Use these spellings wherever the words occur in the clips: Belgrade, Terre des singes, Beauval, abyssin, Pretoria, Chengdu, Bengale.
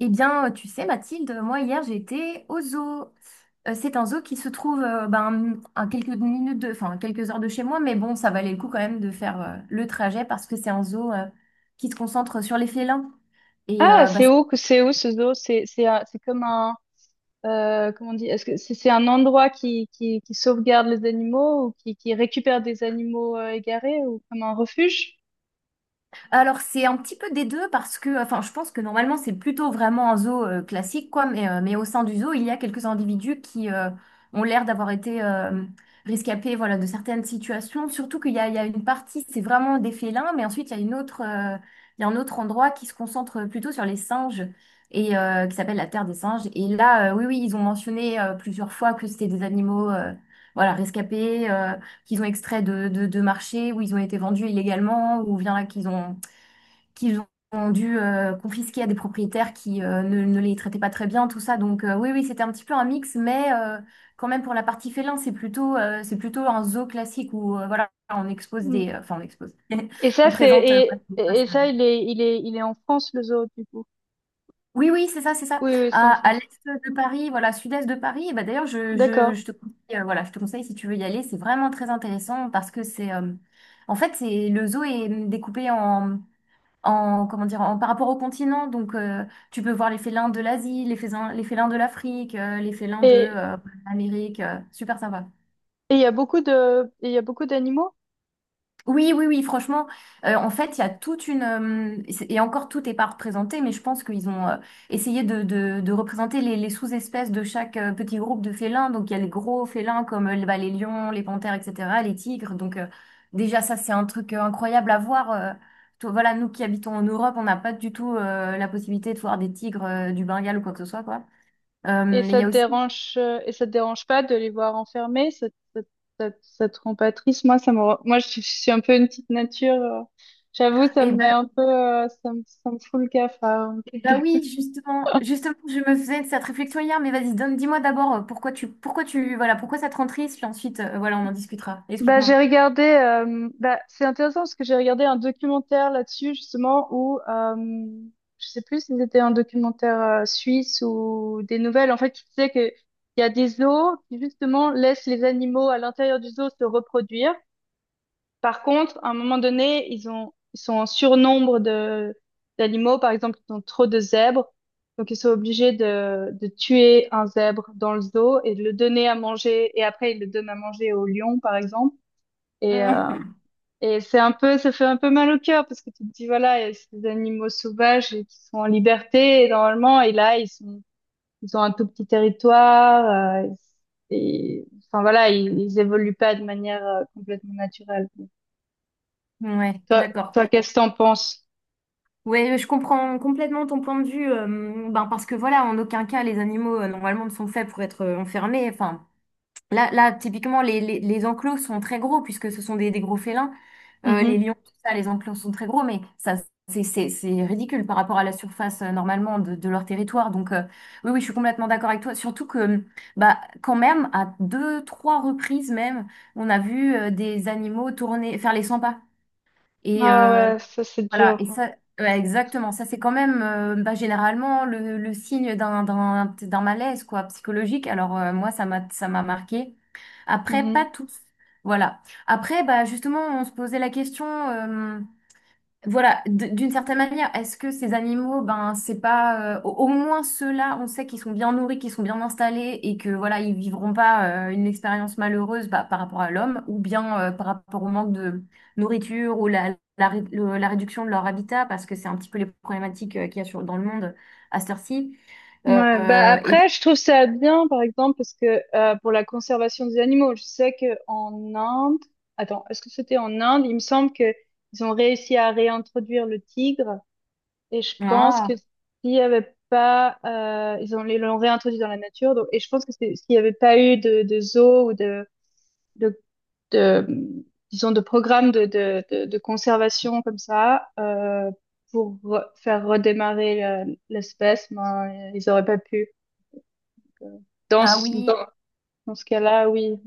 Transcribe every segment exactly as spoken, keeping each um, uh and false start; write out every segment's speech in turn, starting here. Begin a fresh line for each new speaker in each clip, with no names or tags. Eh bien, euh, tu sais, Mathilde, moi hier j'étais au zoo. Euh, C'est un zoo qui se trouve euh, ben, à quelques minutes de, enfin, à quelques heures de chez moi, mais bon, ça valait le coup quand même de faire euh, le trajet parce que c'est un zoo euh, qui se concentre sur les félins. Et
Ah,
euh, bah,
c'est où, que- c'est où ce zoo? C'est, c'est, un- c'est comme un, euh, comment on dit, est-ce que c'est c'est un endroit qui, qui, qui sauvegarde les animaux ou qui, qui récupère des animaux euh, égarés ou comme un refuge?
Alors c'est un petit peu des deux parce que, enfin, je pense que normalement c'est plutôt vraiment un zoo euh, classique, quoi. Mais, euh, mais au sein du zoo, il y a quelques individus qui euh, ont l'air d'avoir été euh, rescapés, voilà, de certaines situations. Surtout qu'il y a, il y a une partie, c'est vraiment des félins, mais ensuite il y a une autre, euh, il y a un autre endroit qui se concentre plutôt sur les singes et euh, qui s'appelle la Terre des singes. Et là, euh, oui, oui, ils ont mentionné euh, plusieurs fois que c'était des animaux, euh, voilà, rescapés. Euh, qu'ils ont extrait de, de, de marché, où ils ont été vendus illégalement, ou bien là qu'ils ont qu'ils ont dû euh, confisquer à des propriétaires qui euh, ne, ne les traitaient pas très bien, tout ça. Donc euh, oui, oui, c'était un petit peu un mix, mais euh, quand même pour la partie félin, c'est plutôt, euh, c'est plutôt un zoo classique où euh, voilà, on expose
Mm.
des... euh, Enfin, on expose.
Et
On
ça, c'est,
présente... euh,
et,
quoi, c'est pas
et
ça.
ça, il est, il est, il est en France, le zoo, du coup.
Oui, oui, c'est ça, c'est ça.
Oui, oui, c'est
À,
en
à
France.
l'est de Paris, voilà, sud-est de Paris, et bah, d'ailleurs, je, je,
D'accord.
je te conseille, euh, voilà, je te conseille si tu veux y aller, c'est vraiment très intéressant parce que c'est... euh, en fait, c'est le zoo est découpé en en, comment dire, en, par rapport au continent. Donc, euh, tu peux voir les félins de l'Asie, les félins, les félins de l'Afrique, euh, les félins de
Et,
euh, l'Amérique. Euh, super sympa.
et il y a beaucoup de, et il y a beaucoup d'animaux?
Oui, oui, oui, franchement, euh, en fait, il y a toute une... euh, et encore, tout n'est pas représenté, mais je pense qu'ils ont euh, essayé de, de- de représenter les, les sous-espèces de chaque euh, petit groupe de félins. Donc, il y a les gros félins comme euh, bah, les lions, les panthères, et cetera, les tigres. Donc, euh, déjà, ça, c'est un truc euh, incroyable à voir. euh. Toi, voilà, nous qui habitons en Europe, on n'a pas du tout euh, la possibilité de voir des tigres euh, du Bengale ou quoi que ce soit, quoi. Euh,
Et
mais il
ça
y
te
a aussi...
dérange, euh, et ça te dérange pas de les voir enfermés? Ça, te- ça, te- ça, te ça te rend pas triste? Moi, ça me, rend- moi, je, suis je suis un peu une petite nature. euh, J'avoue, ça me met un peu, euh, ça me, ça me fout le cafard.
Bah oui, justement, justement, je me faisais cette réflexion hier, mais vas-y, donne, dis-moi d'abord euh, pourquoi tu, pourquoi tu, voilà, pourquoi ça te rend triste, puis ensuite, euh, voilà, on en discutera.
Bah,
Explique-moi.
j'ai regardé, euh, bah, c'est intéressant parce que j'ai regardé un documentaire là-dessus, justement, où, euh, je sais plus si c'était un documentaire euh, suisse ou des nouvelles, en fait, qui disait que il y a des zoos qui, justement, laissent les animaux à l'intérieur du zoo se reproduire. Par contre, à un moment donné, ils ont, ils sont en surnombre de, d'animaux. Par exemple, ils ont trop de zèbres. Donc, ils sont obligés de, de tuer un zèbre dans le zoo et de le donner à manger. Et après, ils le donnent à manger au lion, par exemple. Et, euh,
Mm.
et c'est un peu, ça fait un peu mal au cœur parce que tu te dis, voilà, il y a ces animaux sauvages et qui sont en liberté et normalement, et là, ils sont, ils ont un tout petit territoire. euh, et, enfin, voilà, ils, ils évoluent pas de manière euh, complètement naturelle.
Ouais,
Toi,
d'accord.
toi, qu'est-ce que t'en penses?
Ouais, je comprends complètement ton point de vue. Euh, ben parce que voilà, en aucun cas, les animaux euh, normalement ne sont faits pour être euh, enfermés. Enfin, là, là, typiquement, les, les, les enclos sont très gros puisque ce sont des, des gros félins. Euh, les
Mhm.
lions, tout ça, les enclos sont très gros, mais ça, c'est c'est- c'est ridicule par rapport à la surface euh, normalement de, de leur territoire. Donc, euh, oui, oui, je suis complètement d'accord avec toi. Surtout que, bah, quand même, à deux, trois reprises même, on a vu euh, des animaux tourner, faire les cent pas. Et
Ah
euh,
ouais, ça c'est
voilà,
dur.
et ça, ouais, exactement, ça, c'est quand même euh, bah, généralement le, le signe d'un d'un- d'un malaise quoi, psychologique. Alors, euh, moi, ça m'a ça m'a marqué. Après,
Mhm.
pas toutes. Voilà. Après, bah, justement, on se posait la question, euh, voilà, d- d'une certaine manière, est-ce que ces animaux, ben, c'est pas, euh, au au moins ceux-là, on sait qu'ils sont bien nourris, qu'ils sont bien installés et que, voilà, ils vivront pas, euh, une expérience malheureuse, bah, par rapport à l'homme ou bien, euh, par rapport au manque de nourriture ou la, la, ré- le- la réduction de leur habitat parce que c'est un petit peu les problématiques, euh, qu'il y a sur, dans le monde à cette heure-ci.
Ouais, bah
Euh,
après
et,
je trouve ça bien par exemple parce que euh, pour la conservation des animaux, je sais que en Inde, attends, est-ce que c'était en Inde? Il me semble que ils ont réussi à réintroduire le tigre et je pense
ah,
que s'il y avait pas, euh, ils ont ils l'ont réintroduit dans la nature donc et je pense que c'est- s'il y avait pas eu de, de zoo ou de de de, disons, de programmes de, de, de, de conservation comme ça, euh, pour re- faire redémarrer le- l'espèce, ben, ils auraient pas pu. Donc, euh, Dans
ah
ce,
oui.
dans, dans ce cas-là, oui.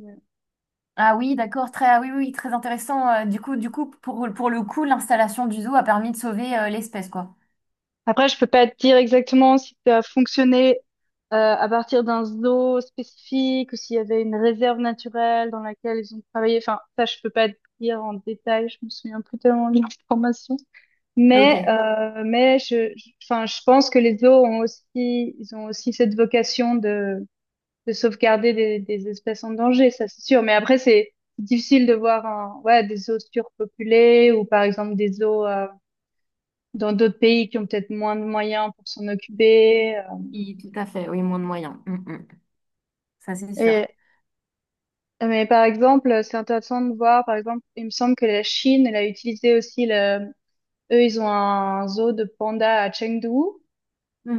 Ah oui, d'accord, très, ah oui, oui, très intéressant. Euh, du coup, du coup, pour, pour le coup, l'installation du zoo a permis de sauver euh, l'espèce, quoi.
Après, je peux pas te dire exactement si ça a fonctionné euh, à partir d'un zoo spécifique ou s'il y avait une réserve naturelle dans laquelle ils ont travaillé. Enfin, ça, je peux pas te dire en détail. Je me souviens plus tellement de l'information. Mais,
Ok,
euh, mais je, je- enfin, je pense que les zoos ont aussi, ils ont aussi cette vocation de, de sauvegarder des, des espèces en danger, ça c'est sûr. Mais après, c'est difficile de voir un, ouais, des zoos surpopulés ou par exemple des zoos euh, dans d'autres pays qui ont peut-être moins de moyens pour s'en occuper. euh.
oui, tout à fait, oui, moins de moyens. Mm, mm. Ça, c'est sûr.
Et, mais par exemple, c'est intéressant de voir, par exemple, il me semble que la Chine, elle a utilisé aussi le, eux, ils ont un zoo de pandas à Chengdu.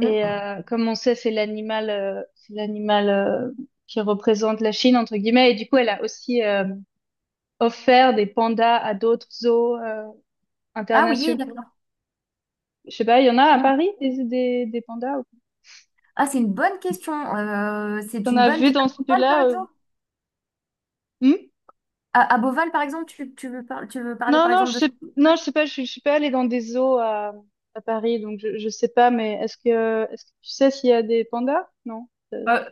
Et euh, comme on sait, c'est l'animal, euh, c'est l'animal euh, qui représente la Chine entre guillemets. Et du coup, elle a aussi euh, offert des pandas à d'autres zoos euh,
Ah oui,
internationaux.
d'accord.
Je sais pas, il y en a à
Mm.
Paris des des, des pandas. Ou pas
Ah, c'est une bonne question. Euh, c'est
T'en
une
as
bonne
vu
question. À
dans
Beauval, par
celui-là? euh,
exemple?
hmm
À, à Beauval, par exemple, tu, tu veux par- tu veux parler,
Non,
par
non,
exemple,
je
de...
sais, non, je sais pas. Je, suis- je suis pas allée dans des zoos à, à Paris, donc je, je sais pas. Mais est-ce que est-ce que tu sais s'il y a des pandas? Non. Euh,
Euh,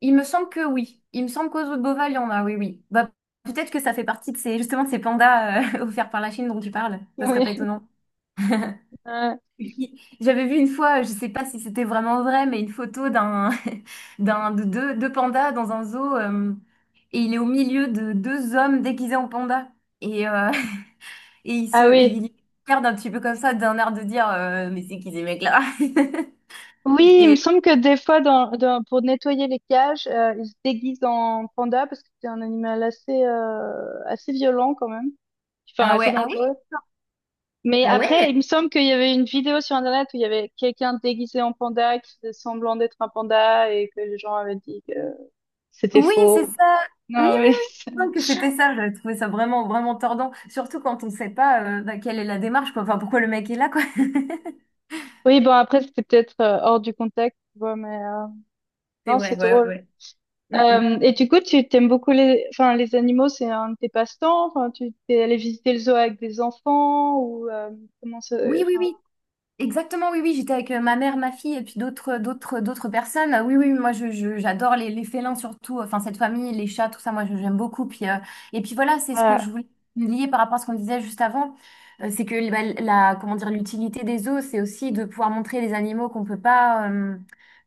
il me semble que oui. Il me semble qu'aux zoo de Beauval, il y en a, oui, oui. Bah, peut-être que ça fait partie de ces, justement, de ces pandas euh, offerts par la Chine dont tu parles. Ça serait pas
oui.
étonnant.
Ah
Oui. J'avais vu une fois, je sais pas si c'était vraiment vrai, mais une photo d'un, d'un, de deux, deux pandas dans un zoo, euh, et il est au milieu de deux hommes déguisés en panda. Et, euh, et il se,
ah
et
oui.
il regarde un petit peu comme ça, d'un air de dire, euh, mais c'est qui ces mecs-là?
Oui, il me
Et,
semble que des fois, dans, dans- pour nettoyer les cages, euh, ils se déguisent en panda parce que c'est un animal assez, euh, assez violent quand même, enfin
ah
assez
ouais, ah oui,
dangereux. Mais
ah
après,
ouais?
il me semble qu'il y avait une vidéo sur Internet où il y avait quelqu'un déguisé en panda qui faisait semblant d'être un panda et que les gens avaient dit que c'était
Oui, c'est
faux.
ça. Oui, oui,
Non, oui.
oui. Je pense
c'est-
que c'était ça, j'avais trouvé ça vraiment, vraiment tordant. Surtout quand on sait pas euh, bah, quelle est la démarche, quoi. Enfin, pourquoi le mec est là, quoi.
Oui, bon, après, c'était peut-être euh, hors du contexte, tu vois, mais euh,
C'est
non,
vrai,
c'est
ouais,
drôle.
ouais. Mm, mm.
Euh, et du coup, tu t'aimes beaucoup les, enfin, les animaux, c'est un de tes passe-temps. Enfin, tu t'es allé visiter le zoo avec des enfants ou euh, comment ça,
Oui, oui,
enfin,
oui. Exactement, oui, oui, j'étais avec euh, ma mère, ma fille et puis d'autres, d'autres, d'autres personnes. Euh, Oui, oui, moi, je, je- j'adore les, les félins surtout, enfin, cette famille, les chats, tout ça, moi, je- j'aime beaucoup. Puis, euh, et puis voilà, c'est ce que je
voilà.
voulais lier par rapport à ce qu'on disait juste avant. Euh, c'est que bah, la, comment dire, l'utilité des zoos, c'est aussi de pouvoir montrer les animaux qu'on peut pas, euh,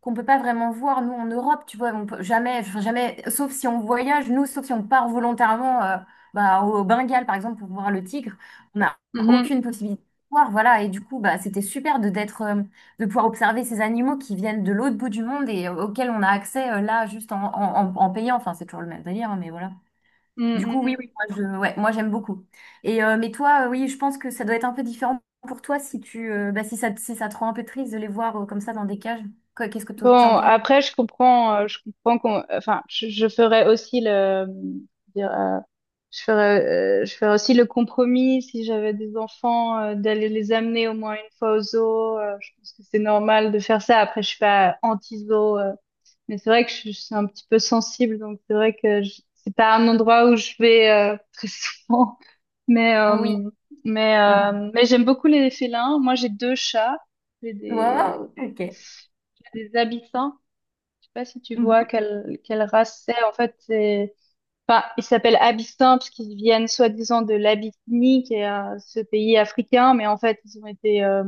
qu'on peut pas vraiment voir, nous, en Europe, tu vois, on peut jamais, enfin, jamais, sauf si on voyage, nous, sauf si on part volontairement, euh, bah, au Bengale, par exemple, pour voir le tigre. On a
Mhm,
aucune possibilité voir, voilà, et du coup, bah, c'était super de d'être, euh, de pouvoir observer ces animaux qui viennent de l'autre bout du monde et euh, auxquels on a accès euh, là juste en, en, en- en payant. Enfin, c'est toujours le même délire, hein, mais voilà.
mm,
Du coup,
mm,
oui,
mm.
oui, moi, je, ouais, moi j'aime beaucoup. Et euh, mais toi, euh, oui, je pense que ça doit être un peu différent pour toi si tu, euh, bah, si ça, si ça te rend un peu triste de les voir euh, comme ça dans des cages. Quoi, qu'est-ce que toi, tu en
Bon,
penses?
après, je comprends, euh, je comprends qu'on, enfin, je, je ferais aussi le, dire, euh, je ferais, euh, je ferais aussi le compromis si j'avais des enfants euh, d'aller les amener au moins une fois au zoo. Euh, je pense que c'est normal de faire ça. Après, je suis pas anti-zoo. euh, Mais c'est vrai que je, je suis un petit peu sensible, donc c'est vrai que je- c'est pas un endroit où je vais euh, très souvent. Mais
Oui.
euh, mais
Mhm.
euh, mais j'aime beaucoup les félins. Moi, j'ai deux chats, j'ai des
Wow, ok.
j'ai des abyssins. Je sais pas si tu vois
Mhm.
quelle quelle race c'est. En fait, c'est enfin ils s'appellent abyssins parce qu'ils viennent soi-disant de l'Abyssinie, qui est euh, ce pays africain, mais en fait ils ont été euh,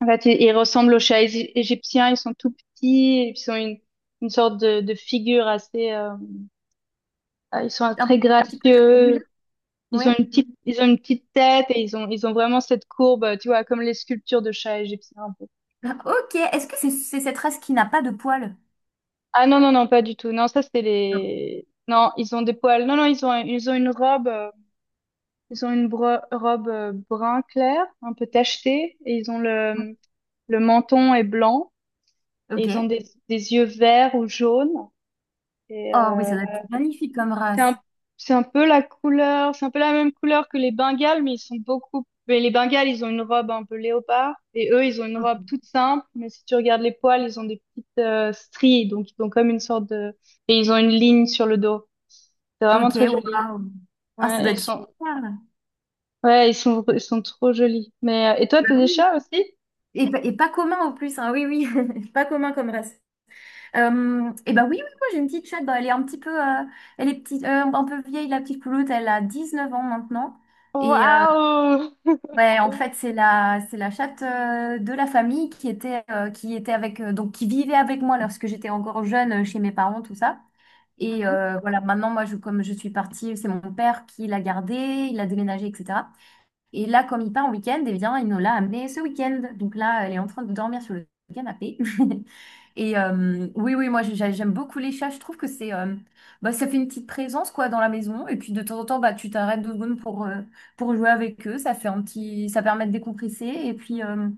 en fait, ils, ils ressemblent aux chats égy- égyptiens, ils sont tout petits, et ils ont une, une sorte de, de figure assez, euh, ah, ils sont
Un petit
très
un petit peu
gracieux,
triangulaire.
ils ont
Ouais.
une petite, ils ont une petite tête et ils ont, ils ont vraiment cette courbe, euh, tu vois, comme les sculptures de chats égyptiens un peu.
Ah, ok. Est-ce que c'est c'est cette race qui n'a pas de poils?
Ah non, non, non, pas du tout. Non, ça c'est
Non.
les, non, ils ont des poils. Non, non, ils ont, ils ont une robe, euh, ils ont une bro- robe euh, brun clair, un peu tachetée, et ils ont le, le menton est blanc, et ils ont
Ok.
des, des yeux verts ou jaunes, et,
Oh, oui,
euh,
ça doit être magnifique comme
C'est un,
race.
c'est un peu la couleur, c'est un peu la même couleur que les Bengales, mais ils sont beaucoup. Mais les Bengales, ils ont une robe un peu léopard, et eux, ils ont une robe toute simple. Mais si tu regardes les poils, ils ont des petites euh, stries, donc ils ont comme une sorte de, et ils ont une ligne sur le dos. C'est vraiment
Ok,
très joli.
waouh. Ah, ça
Ouais, et
doit
ils
être
sont,
super.
ouais, ils sont, ils sont trop jolis. Mais euh, et toi,
Bah
t'as des
oui.
chats aussi?
Et, pa- et pas commun en plus, hein. Oui, oui, pas commun comme race. Euh, et bah oui, oui, moi j'ai une petite chatte, bah, elle est un petit peu, euh, elle est petite, euh, un peu vieille, la petite pouloute, elle a dix-neuf ans maintenant. Et euh,
Waouh!
ouais, en fait, c'est la, c'est la chatte euh, de la famille qui était, euh, qui était avec, euh, donc qui vivait avec moi lorsque j'étais encore jeune euh, chez mes parents, tout ça. Et
Mhm.
euh, voilà, maintenant, moi, je, comme je suis partie, c'est mon père qui l'a gardée, il a déménagé, et cetera. Et là, comme il part en week-end, eh bien, il nous l'a amenée ce week-end. Donc là, elle est en train de dormir sur le canapé. Et euh, oui, oui, moi j'ai- j'aime beaucoup les chats. Je trouve que c'est, euh, bah, ça fait une petite présence quoi dans la maison. Et puis de temps en temps, bah tu t'arrêtes deux secondes pour euh, pour jouer avec eux. Ça fait un petit, ça permet de décompresser. Et puis euh,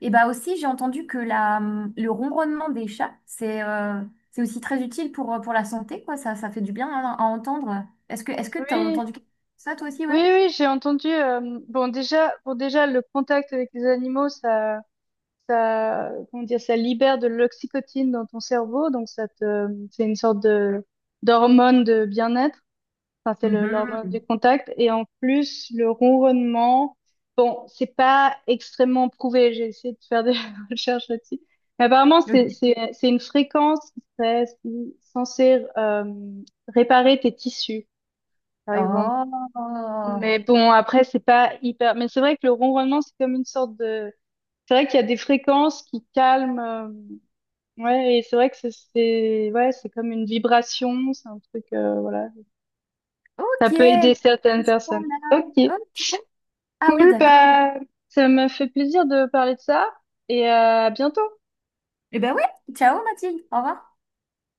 et bah aussi j'ai entendu que la le ronronnement des chats c'est euh, c'est aussi très utile pour euh, pour la santé quoi. Ça ça fait du bien hein, à entendre. Est-ce que est-ce que t'as
Oui,
entendu ça toi aussi
oui,
ouais?
oui, j'ai entendu. euh, bon, déjà, bon, déjà, le contact avec les animaux, ça. Ça, comment dire, ça libère de l'oxytocine dans ton cerveau, donc ça te, c'est une sorte de d'hormone de bien-être. Enfin, c'est le- l'hormone du
Mhm.
contact. Et en plus, le ronronnement, bon, c'est pas extrêmement prouvé. J'ai essayé de faire des recherches là-dessus. Mais apparemment, c'est
Ok.
c'est c'est une fréquence qui serait si, censée euh, réparer tes tissus, par exemple.
Oh
Mais bon, après, c'est pas hyper. Mais c'est vrai que le ronronnement, c'est comme une sorte de. C'est vrai qu'il y a des fréquences qui calment. euh, Ouais, et c'est vrai que c'est c'est- ouais, c'est comme une vibration, c'est un truc, euh, voilà. Ça
ok.
peut aider certaines
À ce
personnes. Ok.
point-là. Ok. Ah oui,
Cool,
d'accord.
bah, ça m'a fait plaisir de parler de ça et euh, à bientôt.
Eh ben ouais, ciao Mathilde, au revoir.